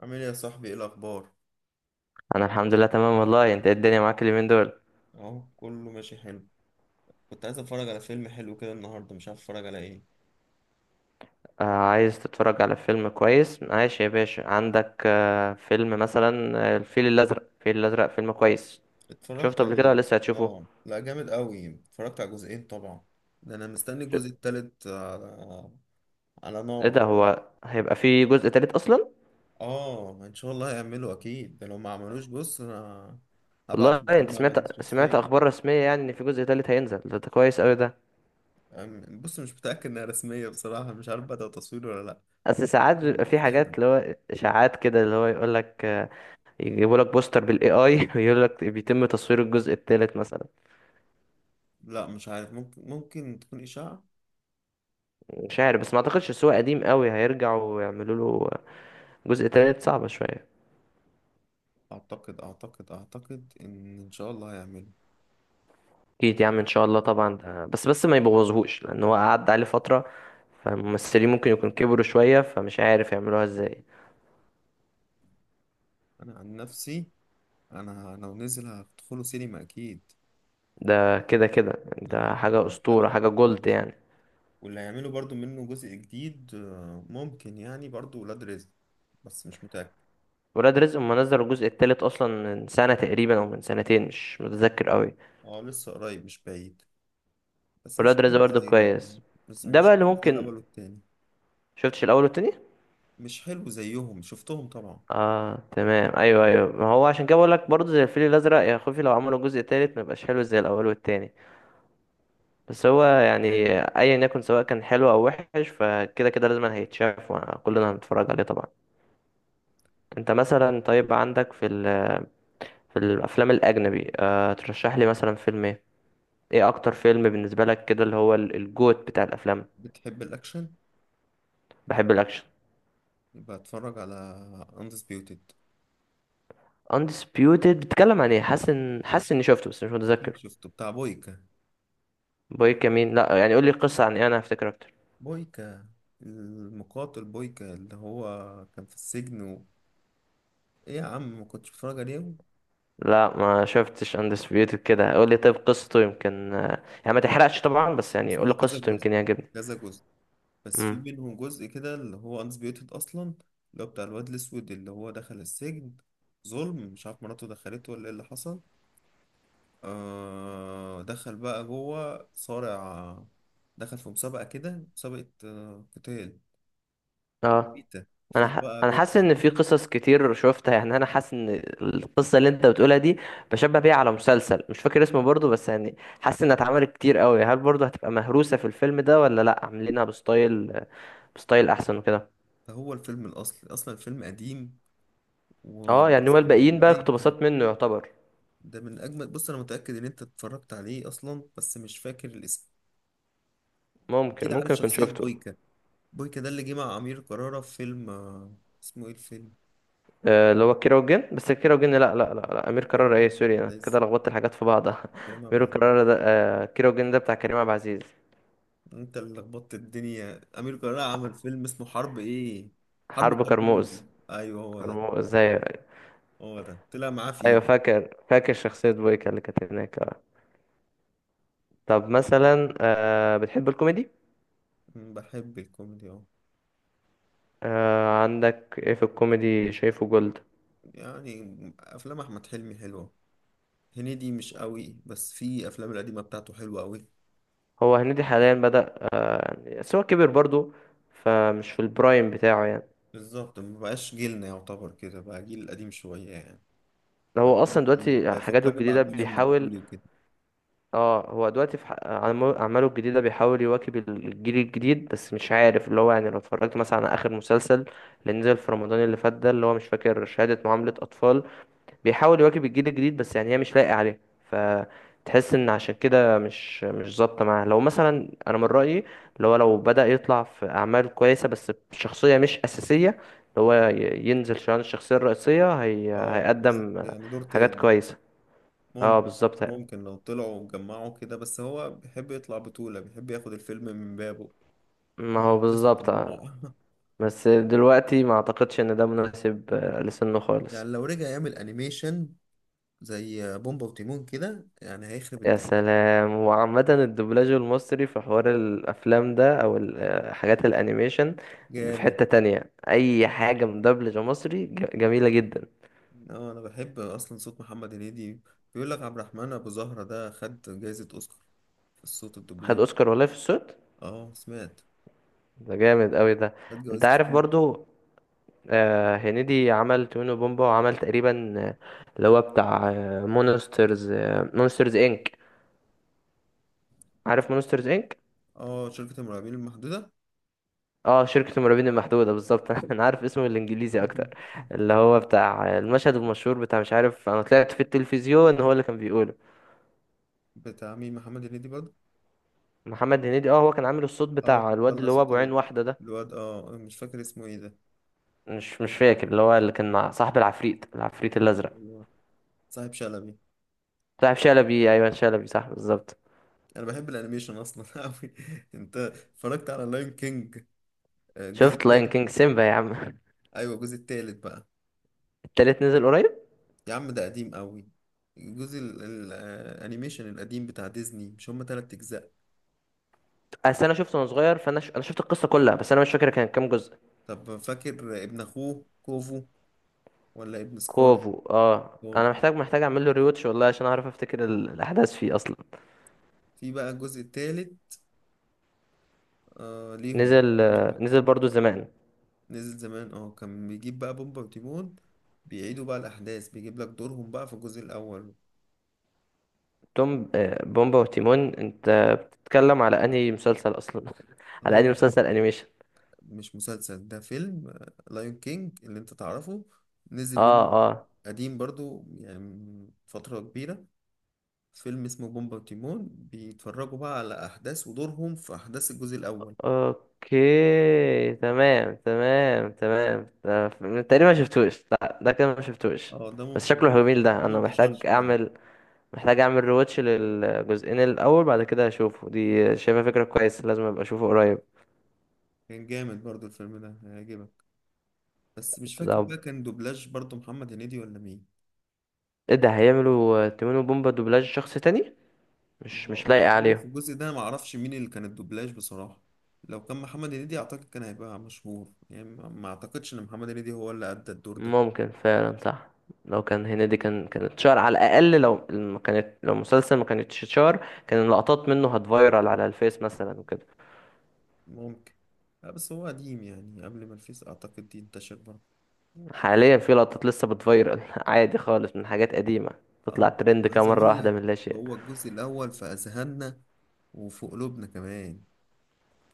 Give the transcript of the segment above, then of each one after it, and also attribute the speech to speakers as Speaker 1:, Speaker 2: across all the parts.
Speaker 1: عامل ايه يا صاحبي؟ ايه الاخبار؟
Speaker 2: انا الحمد لله تمام والله. انت إيه الدنيا معاك اليومين دول؟
Speaker 1: اهو كله ماشي حلو. كنت عايز اتفرج على فيلم حلو كده النهارده، مش عارف اتفرج على ايه.
Speaker 2: آه عايز تتفرج على فيلم كويس؟ عايش يا باشا، عندك فيلم مثلا الفيل الازرق. الفيل الازرق فيلم كويس.
Speaker 1: اتفرجت
Speaker 2: شفته
Speaker 1: على
Speaker 2: قبل كده
Speaker 1: ايه؟
Speaker 2: ولا لسه هتشوفه؟
Speaker 1: اه لا جامد قوي، اتفرجت على جزئين طبعا. ده انا مستني
Speaker 2: ش-
Speaker 1: الجزء التالت على، على
Speaker 2: ايه
Speaker 1: نار.
Speaker 2: ده، هو هيبقى فيه جزء تالت اصلا؟
Speaker 1: اه ان شاء الله هيعملوا اكيد، ده لو ما عملوش بص انا هبعت
Speaker 2: والله انت
Speaker 1: لكريم عبد العزيز
Speaker 2: سمعت
Speaker 1: شخصيا.
Speaker 2: اخبار رسميه يعني ان في جزء تالت هينزل ده؟ ده كويس قوي ده.
Speaker 1: بص مش متاكد انها رسميه بصراحه، مش عارف بدأ تصوير ولا لا.
Speaker 2: اصل ساعات بيبقى في حاجات اللي هو اشاعات كده، اللي هو يقول لك يجيبوا لك بوستر بالاي اي ويقول لك بيتم تصوير الجزء التالت مثلا.
Speaker 1: لا مش عارف، ممكن تكون اشاعه.
Speaker 2: مش عارف، بس ما اعتقدش، السوق قديم قوي هيرجعوا ويعملوا له جزء تالت؟ صعبة شوية.
Speaker 1: اعتقد ان شاء الله هيعمله.
Speaker 2: اكيد يا عم ان شاء الله طبعا ده، بس ما يبوظهوش، لان هو قعد عليه فترة، فالممثلين ممكن يكون كبروا شوية، فمش عارف يعملوها ازاي.
Speaker 1: انا عن نفسي، انا لو نزل هدخله سينما اكيد.
Speaker 2: ده كده يعني،
Speaker 1: انا من
Speaker 2: ده
Speaker 1: أكتر
Speaker 2: حاجة
Speaker 1: الافلام
Speaker 2: اسطورة،
Speaker 1: اللي
Speaker 2: حاجة
Speaker 1: بحبها
Speaker 2: جولد
Speaker 1: اصلا.
Speaker 2: يعني.
Speaker 1: واللي هيعملوا برضو منه جزء جديد ممكن يعني برضو ولاد رزق، بس مش متاكد.
Speaker 2: ولاد رزق هما نزلوا الجزء التالت اصلا من سنة تقريبا او من سنتين، مش متذكر قوي.
Speaker 1: اه لسه قريب، مش بعيد. بس مش
Speaker 2: ولاد رزق
Speaker 1: حلو
Speaker 2: برضه
Speaker 1: زي ال...
Speaker 2: كويس.
Speaker 1: بس
Speaker 2: ده
Speaker 1: مش
Speaker 2: بقى اللي
Speaker 1: حلو زي
Speaker 2: ممكن.
Speaker 1: الاول والتاني.
Speaker 2: شفتش الاول والتاني؟
Speaker 1: مش حلو زيهم، شفتهم طبعا.
Speaker 2: اه تمام، ايوه ايوه، ما هو عشان كده بقول لك برضه زي الفيل الازرق، يا خوفي لو عملوا جزء تالت ما يبقاش حلو زي الاول والتاني. بس هو يعني ايا يكن، سواء كان حلو او وحش، فكده كده لازم هيتشاف وكلنا هنتفرج عليه طبعا. انت مثلا طيب عندك في الافلام الاجنبي، آه ترشح لي مثلا فيلم ايه؟ ايه اكتر فيلم بالنسبه لك كده، اللي هو الجوت بتاع الافلام؟
Speaker 1: بتحب الاكشن؟
Speaker 2: بحب الاكشن.
Speaker 1: يبقى اتفرج على اندسبيوتد.
Speaker 2: Undisputed بتتكلم عن ايه؟ حاسس ان حاسس اني شفته بس مش
Speaker 1: اكيد
Speaker 2: متذكر.
Speaker 1: شفته، بتاع بويكا.
Speaker 2: بوي كمين، لا يعني قول لي القصه عن ايه انا هفتكر اكتر.
Speaker 1: بويكا المقاتل، بويكا اللي هو كان في السجن و... ايه يا عم ما كنتش بتفرج عليه؟
Speaker 2: لا ما شفتش اندسبيوتد، كده قول لي طيب قصته يمكن، يعني ما تحرقش طبعا، بس يعني
Speaker 1: بس
Speaker 2: قول لي
Speaker 1: هو كذا
Speaker 2: قصته
Speaker 1: جزء،
Speaker 2: يمكن يعجبني.
Speaker 1: كذا جزء. بس في
Speaker 2: امم
Speaker 1: منهم جزء كده اللي هو انسبيوتد اصلا، اللي هو بتاع الواد الاسود اللي هو دخل السجن ظلم، مش عارف مراته دخلته ولا ايه اللي حصل. آه دخل بقى جوه صارع، دخل في مسابقة كده، مسابقة قتال
Speaker 2: اه
Speaker 1: بيتا، فيها بقى
Speaker 2: انا
Speaker 1: بويكا
Speaker 2: حاسس ان في
Speaker 1: البطل.
Speaker 2: قصص كتير شفتها، يعني انا حاسس ان القصه اللي انت بتقولها دي بشبه بيها على مسلسل مش فاكر اسمه برضو، بس يعني حاسس انها اتعملت كتير قوي. هل برضو هتبقى مهروسه في الفيلم ده ولا لا عاملينها بستايل احسن وكده؟
Speaker 1: فهو الفيلم الأصلي، أصلا الفيلم قديم
Speaker 2: اه يعني هو
Speaker 1: وأصلا
Speaker 2: الباقيين بقى
Speaker 1: بأي حاجة.
Speaker 2: اقتباسات منه يعتبر.
Speaker 1: ده من اجمل، بص انا متاكد ان انت اتفرجت عليه اصلا بس مش فاكر الاسم. اكيد عارف
Speaker 2: ممكن اكون
Speaker 1: شخصيه
Speaker 2: شفته.
Speaker 1: بويكا. بويكا ده اللي جه مع امير كرارة في فيلم اسمه ايه الفيلم؟
Speaker 2: اللي هو كيرة والجن. بس كيرة والجن لا، امير
Speaker 1: فاكره
Speaker 2: كرارة،
Speaker 1: الجنة
Speaker 2: ايه
Speaker 1: بتاع
Speaker 2: سوري
Speaker 1: احمد
Speaker 2: انا كده
Speaker 1: عز،
Speaker 2: لخبطت الحاجات في بعضها
Speaker 1: كريم عبد
Speaker 2: امير
Speaker 1: العزيز.
Speaker 2: كرارة ده كيرة والجن ده بتاع كريم عبد العزيز.
Speaker 1: انت اللي لخبطت الدنيا، امير كرارة عمل فيلم اسمه حرب ايه؟ حرب
Speaker 2: حرب
Speaker 1: كرموز.
Speaker 2: كرموز.
Speaker 1: ايوه هو ده،
Speaker 2: كرموز ايوه.
Speaker 1: هو ده طلع معاه فيه.
Speaker 2: ايوه فاكر، فاكر شخصية بويكا اللي كانت هناك آه. طب
Speaker 1: جميل.
Speaker 2: مثلا بتحب الكوميدي؟
Speaker 1: بحب الكوميدي اه.
Speaker 2: عندك ايه في الكوميدي شايفه جولد؟
Speaker 1: يعني افلام احمد حلمي حلوه، هنيدي مش قوي بس في افلام القديمه بتاعته حلوه قوي.
Speaker 2: هو هنيدي حاليا بدأ يعني، بس هو كبر برضو، فمش في البرايم بتاعه يعني.
Speaker 1: بالظبط مبقاش جيلنا، يعتبر كده بقى جيل قديم شوية يعني. بقى
Speaker 2: هو
Speaker 1: حاجات
Speaker 2: اصلا
Speaker 1: جديدة.
Speaker 2: دلوقتي
Speaker 1: بقى
Speaker 2: حاجاته
Speaker 1: يفكرني
Speaker 2: الجديدة
Speaker 1: بعبد الحليم
Speaker 2: بيحاول.
Speaker 1: مدبولي وكده.
Speaker 2: اه هو دلوقتي في اعماله الجديده بيحاول يواكب الجيل الجديد، بس مش عارف اللي هو يعني لو اتفرجت مثلا على اخر مسلسل اللي نزل في رمضان اللي فات ده، اللي هو مش فاكر، شهاده معامله اطفال، بيحاول يواكب الجيل الجديد بس يعني هي مش لايقه عليه، فتحس ان عشان كده مش ظابطه معاه. لو مثلا انا من رايي، اللي هو لو بدا يطلع في اعمال كويسه بس بشخصيه مش اساسيه، اللي هو ينزل شان الشخصيه الرئيسيه
Speaker 1: اه بالظبط
Speaker 2: هيقدم
Speaker 1: يعني دور
Speaker 2: حاجات
Speaker 1: تاني.
Speaker 2: كويسه. اه
Speaker 1: ممكن،
Speaker 2: بالظبط.
Speaker 1: ممكن لو طلعوا وجمعوا كده، بس هو بيحب يطلع بطولة، بيحب ياخد الفيلم من بابه.
Speaker 2: ما هو
Speaker 1: عمل قصة
Speaker 2: بالظبط.
Speaker 1: طماع.
Speaker 2: بس دلوقتي ما اعتقدش ان ده مناسب لسنه خالص.
Speaker 1: يعني لو رجع يعمل انيميشن زي بومبا وتيمون كده يعني هيخرب
Speaker 2: يا
Speaker 1: الدنيا.
Speaker 2: سلام، وعامة الدبلاج المصري في حوار الافلام ده او حاجات الانيميشن في
Speaker 1: جامد.
Speaker 2: حتة تانية، اي حاجة مدبلجة مصري جميلة جدا.
Speaker 1: اه انا بحب اصلا صوت محمد هنيدي. بيقول لك عبد الرحمن ابو زهرة ده خد جايزة اوسكار في الصوت،
Speaker 2: خد
Speaker 1: الدوبلاج.
Speaker 2: اوسكار والله في الصوت؟
Speaker 1: اه سمعت،
Speaker 2: ده جامد قوي ده.
Speaker 1: خد
Speaker 2: انت
Speaker 1: جوايز
Speaker 2: عارف
Speaker 1: كتير.
Speaker 2: برضو هنيدي عمل تونو بومبا وعمل تقريبا اللي هو بتاع مونسترز مونسترز انك. عارف مونسترز انك؟
Speaker 1: اه شركة المرعبين المحدودة.
Speaker 2: اه شركة المرعبين المحدودة بالظبط انا عارف اسمه الانجليزي اكتر. اللي هو بتاع المشهد المشهور، بتاع مش عارف انا طلعت في التلفزيون هو اللي كان بيقوله.
Speaker 1: بتاع مين؟ محمد هنيدي برضه؟
Speaker 2: محمد هنيدي اه، هو كان عامل الصوت
Speaker 1: اه
Speaker 2: بتاع
Speaker 1: كان
Speaker 2: الواد
Speaker 1: طلع
Speaker 2: اللي هو
Speaker 1: صوت
Speaker 2: ابو عين واحدة ده.
Speaker 1: الواد، اه مش فاكر اسمه ايه ده.
Speaker 2: مش فاكر، اللي هو اللي كان مع صاحب العفريت، العفريت الازرق.
Speaker 1: ايوه، صاحب شلبي.
Speaker 2: صاحب شلبي. ايوه شلبي، صح بالظبط.
Speaker 1: انا بحب الانيميشن اصلا قوي. انت اتفرجت على لاين كينج الجزء
Speaker 2: شفت لاين
Speaker 1: التالت؟
Speaker 2: كينج سيمبا يا عم.
Speaker 1: ايوه الجزء التالت بقى.
Speaker 2: التالت نزل قريب؟
Speaker 1: يا عم ده قديم قوي، الجزء الانيميشن القديم بتاع ديزني، مش هما تلات اجزاء؟
Speaker 2: اصل انا شفته وانا صغير، انا شفت القصة كلها بس انا مش فاكر كان كام جزء.
Speaker 1: طب فاكر ابن اخوه كوفو ولا ابن سكار؟
Speaker 2: كوفو، اه
Speaker 1: سكار.
Speaker 2: انا محتاج اعمل له ريوتش والله عشان اعرف افتكر الاحداث فيه اصلا.
Speaker 1: في بقى الجزء التالت آه ليهم.
Speaker 2: نزل نزل برضو زمان.
Speaker 1: نزل زمان اه، كان بيجيب بقى بومبا وتيمون، بيعيدوا بقى الأحداث، بيجيب لك دورهم بقى في الجزء الأول.
Speaker 2: توم بومبا وتيمون، انت بتتكلم على انهي مسلسل اصلا؟ على انهي
Speaker 1: هو
Speaker 2: مسلسل انيميشن؟
Speaker 1: مش مسلسل، ده فيلم. لايون كينج اللي انت تعرفه نزل
Speaker 2: اه.
Speaker 1: منه،
Speaker 2: اه.
Speaker 1: قديم برضو يعني من فترة كبيرة، فيلم اسمه بومبا وتيمون، بيتفرجوا بقى على أحداث ودورهم في أحداث الجزء الأول.
Speaker 2: اوكي تمام، تمام تمام ده تقريبا ما شفتوش. لا ده كده ما شفتوش.
Speaker 1: اه ده
Speaker 2: بس
Speaker 1: ممكن
Speaker 2: شكله
Speaker 1: يبقى-
Speaker 2: جميل ده،
Speaker 1: ده ما
Speaker 2: انا
Speaker 1: انتشرش فعلا.
Speaker 2: محتاج اعمل ريواتش للجزئين الاول، بعد كده اشوفه. دي شايفها فكرة كويسة، لازم ابقى اشوفه قريب.
Speaker 1: كان جامد برضو الفيلم ده، هيعجبك. بس مش فاكر
Speaker 2: ده
Speaker 1: بقى كان دوبلاج برضو محمد هنيدي ولا مين.
Speaker 2: ايه ده، هيعملوا تيمون وبومبا دوبلاج شخص تاني؟
Speaker 1: ما
Speaker 2: مش
Speaker 1: هو،
Speaker 2: مش لايق
Speaker 1: هو
Speaker 2: عليهم.
Speaker 1: في الجزء ده ما اعرفش مين اللي كان الدوبلاج بصراحة. لو كان محمد هنيدي اعتقد كان هيبقى مشهور، يعني ما اعتقدش ان محمد هنيدي هو اللي ادى الدور ده.
Speaker 2: ممكن فعلا صح. لو كان هنيدي كان، كانت شهر على الاقل. لو ما كانت، لو المسلسل ما كانتش شهر، كان اللقطات منه هتفايرال على الفيس مثلا وكده.
Speaker 1: ممكن، لا بس هو قديم يعني قبل ما الفيس اعتقد دي انتشر برضه.
Speaker 2: حاليا في لقطات لسه بتفايرال عادي خالص من حاجات قديمة،
Speaker 1: اه
Speaker 2: تطلع ترند كده
Speaker 1: عايز
Speaker 2: مرة
Speaker 1: اقول
Speaker 2: واحدة
Speaker 1: لك،
Speaker 2: من لا شيء.
Speaker 1: هو الجزء الاول في اذهاننا وفي قلوبنا كمان،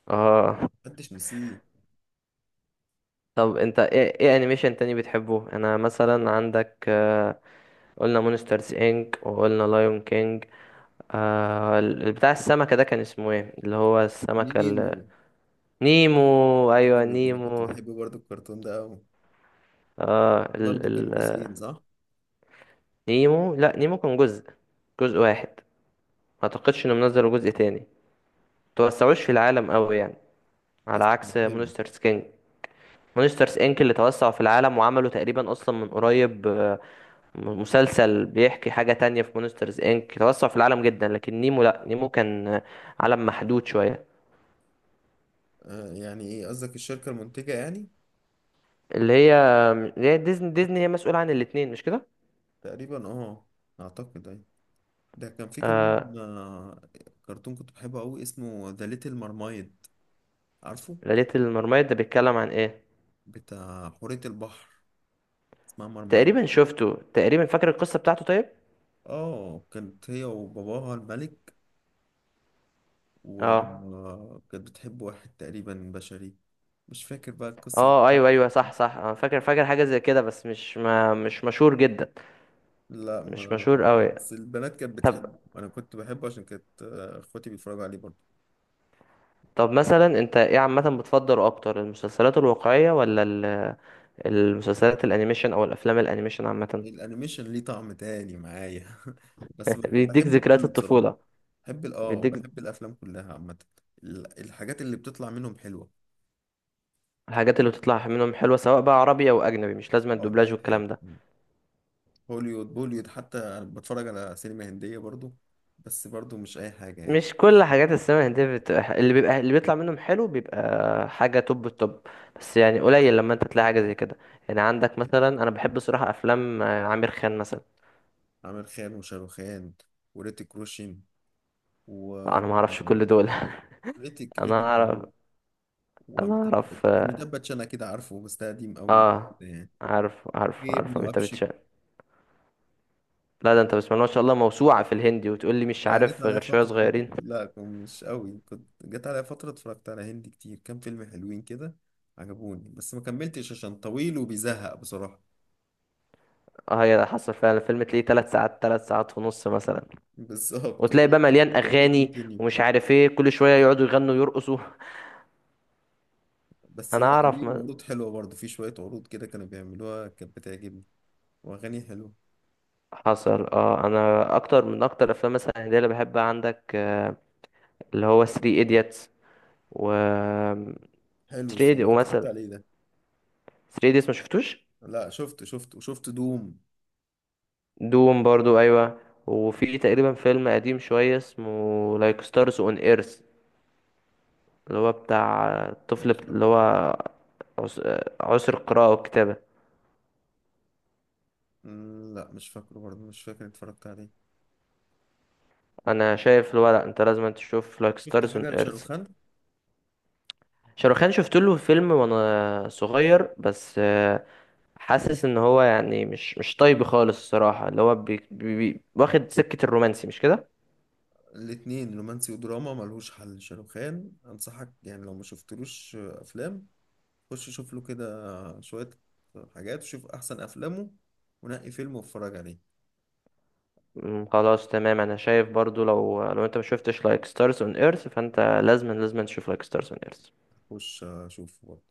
Speaker 2: اه.
Speaker 1: محدش نسيه.
Speaker 2: طب انت ايه انيميشن تاني بتحبه؟ انا مثلا عندك قلنا مونسترز انك وقلنا لايون كينج. آه بتاع السمكة ده كان اسمه ايه، اللي هو السمكة
Speaker 1: نيمو.
Speaker 2: نيمو، ايوه
Speaker 1: جامد، انا كنت
Speaker 2: نيمو.
Speaker 1: بحب برضه الكرتون ده قوي.
Speaker 2: اه ال
Speaker 1: برضه كان
Speaker 2: ال
Speaker 1: جزئين
Speaker 2: آه،
Speaker 1: صح؟
Speaker 2: نيمو، لا نيمو كان جزء، جزء واحد. ما اعتقدش انهم نزلوا جزء تاني، توسعوش في العالم قوي يعني، على
Speaker 1: بس كان
Speaker 2: عكس
Speaker 1: حلو.
Speaker 2: مونسترز كينج. مونسترز انك اللي توسعوا في العالم، وعملوا تقريبا اصلا من قريب مسلسل بيحكي حاجة تانية. في مونسترز انك توسعوا في العالم جدا، لكن نيمو، لا نيمو كان عالم محدود شوية.
Speaker 1: آه يعني ايه قصدك، الشركة المنتجة يعني؟
Speaker 2: اللي هي اللي هي ديزني. ديزني هي مسؤولة عن الاتنين مش كده؟
Speaker 1: تقريبا اه، اعتقد اي. ده كان في
Speaker 2: آه
Speaker 1: كمان كرتون كنت بحبه قوي اسمه ذا ليتل مرمايد، عارفه؟
Speaker 2: ليلة المرميد ده بيتكلم عن ايه؟
Speaker 1: بتاع حورية البحر، اسمها مرمايد.
Speaker 2: تقريبا شفته، تقريبا فاكر القصة بتاعته طيب؟
Speaker 1: اه كانت هي وباباها الملك،
Speaker 2: اه
Speaker 1: وكانت بتحب واحد تقريبا بشري. مش فاكر بقى القصة
Speaker 2: اه ايوه
Speaker 1: بالظبط.
Speaker 2: ايوه صح صح، انا فاكر، فاكر حاجه زي كده بس مش مشهور جدا.
Speaker 1: لا
Speaker 2: مش
Speaker 1: ما،
Speaker 2: مشهور قوي.
Speaker 1: بس البنات كانت
Speaker 2: طب،
Speaker 1: بتحبه. انا كنت بحبه عشان كانت اخواتي بيتفرجوا عليه برضه.
Speaker 2: طب مثلا انت ايه عامه بتفضل اكتر، المسلسلات الواقعيه ولا المسلسلات الانيميشن او الافلام الانيميشن عامه؟
Speaker 1: الانيميشن ليه طعم تاني معايا بس
Speaker 2: بيديك
Speaker 1: بحبه
Speaker 2: ذكريات
Speaker 1: كله بصراحة.
Speaker 2: الطفوله.
Speaker 1: بحب
Speaker 2: بيديك
Speaker 1: بحب الافلام كلها عامه، الحاجات اللي بتطلع منهم حلوه.
Speaker 2: الحاجات اللي بتطلع منهم حلوه، سواء بقى عربي او اجنبي، مش لازم
Speaker 1: اه اي
Speaker 2: الدوبلاج
Speaker 1: حاجه،
Speaker 2: والكلام ده.
Speaker 1: هوليوود، بوليوود، حتى انا بتفرج على سينما هنديه برضو، بس برضو مش اي حاجه يعني.
Speaker 2: مش كل حاجات السينما الهندية بتبقى اللي بيبقى اللي بيطلع منهم حلو بيبقى حاجة توب التوب، بس يعني قليل لما انت تلاقي حاجة زي كده. يعني عندك مثلا انا بحب صراحة افلام عامر خان مثلا.
Speaker 1: عامر خان وشاروخان وريتيك روشن و
Speaker 2: لا، انا ما اعرفش كل دول
Speaker 1: ريتيك
Speaker 2: انا
Speaker 1: ريتيك
Speaker 2: اعرف.
Speaker 1: معروف،
Speaker 2: انا
Speaker 1: وأميتاب.
Speaker 2: اعرف.
Speaker 1: أميتاب باتشان أكيد عارفه، بس ده قديم قوي
Speaker 2: اه
Speaker 1: يعني.
Speaker 2: عارف، عارف
Speaker 1: في
Speaker 2: عارف
Speaker 1: ابنه
Speaker 2: انت
Speaker 1: أبشك.
Speaker 2: بتشاء. لا ده انت بسم الله ما شاء الله موسوعة في الهندي، وتقول لي مش
Speaker 1: يعني جت
Speaker 2: عارف
Speaker 1: عليا
Speaker 2: غير شوية
Speaker 1: فترة آه، كنت-
Speaker 2: صغيرين.
Speaker 1: لا كنت مش قوي، كنت جت عليا فترة اتفرجت على هندي كتير، كام فيلم حلوين كده عجبوني، بس ما كملتش عشان طويل وبيزهق بصراحة.
Speaker 2: اه هي ده حصل فعلا، الفيلم تلاقيه ثلاث ساعات، ثلاث ساعات ونص مثلا،
Speaker 1: بالظبط،
Speaker 2: وتلاقي
Speaker 1: ويقول
Speaker 2: بقى
Speaker 1: لك
Speaker 2: مليان
Speaker 1: to be
Speaker 2: اغاني،
Speaker 1: continue.
Speaker 2: ومش عارف ايه، كل شوية يقعدوا يغنوا ويرقصوا.
Speaker 1: بس
Speaker 2: انا
Speaker 1: لا
Speaker 2: اعرف.
Speaker 1: ليهم عروض حلوة برضه، في شوية عروض كده كانوا بيعملوها كانت بتعجبني، وأغاني حلوة.
Speaker 2: حصل. اه انا اكتر، من اكتر افلام مثلا هندية اللي بحبها عندك اللي هو 3 ايديتس، و
Speaker 1: حلو
Speaker 2: 3 ايديتس
Speaker 1: السينما، اتفرجت
Speaker 2: ومثلا
Speaker 1: عليه ده.
Speaker 2: 3 ايديتس ما شفتوش؟
Speaker 1: لا شفت، شفت وشفت دوم.
Speaker 2: دوم برضو ايوه. وفي تقريبا فيلم قديم شويه اسمه لايك ستارز اون ايرث، اللي هو بتاع الطفل
Speaker 1: مش
Speaker 2: اللي هو
Speaker 1: فاكره.
Speaker 2: عسر القراءه والكتابه.
Speaker 1: لا مش فاكره برضه، مش فاكر اتفرجت عليه.
Speaker 2: انا شايف اللي هو، لا انت لازم تشوف لايك
Speaker 1: شفت
Speaker 2: ستارز اون
Speaker 1: حاجة
Speaker 2: ايرث.
Speaker 1: لشاروخان.
Speaker 2: شاروخان شفت له فيلم وانا صغير، بس حاسس ان هو يعني مش طيب خالص الصراحه، اللي هو بي واخد سكه الرومانسي مش كده.
Speaker 1: الاتنين رومانسي ودراما ملهوش حل شاروخان، انصحك يعني لو ما شفتلوش افلام، خش شوف له كده شوية حاجات، وشوف احسن افلامه، ونقي فيلم واتفرج عليه.
Speaker 2: خلاص تمام. انا شايف برضو لو انت ما شفتش لايك ستارز اون ايرث فانت لازما تشوف لايك ستارز اون ايرث.
Speaker 1: خش شوفه.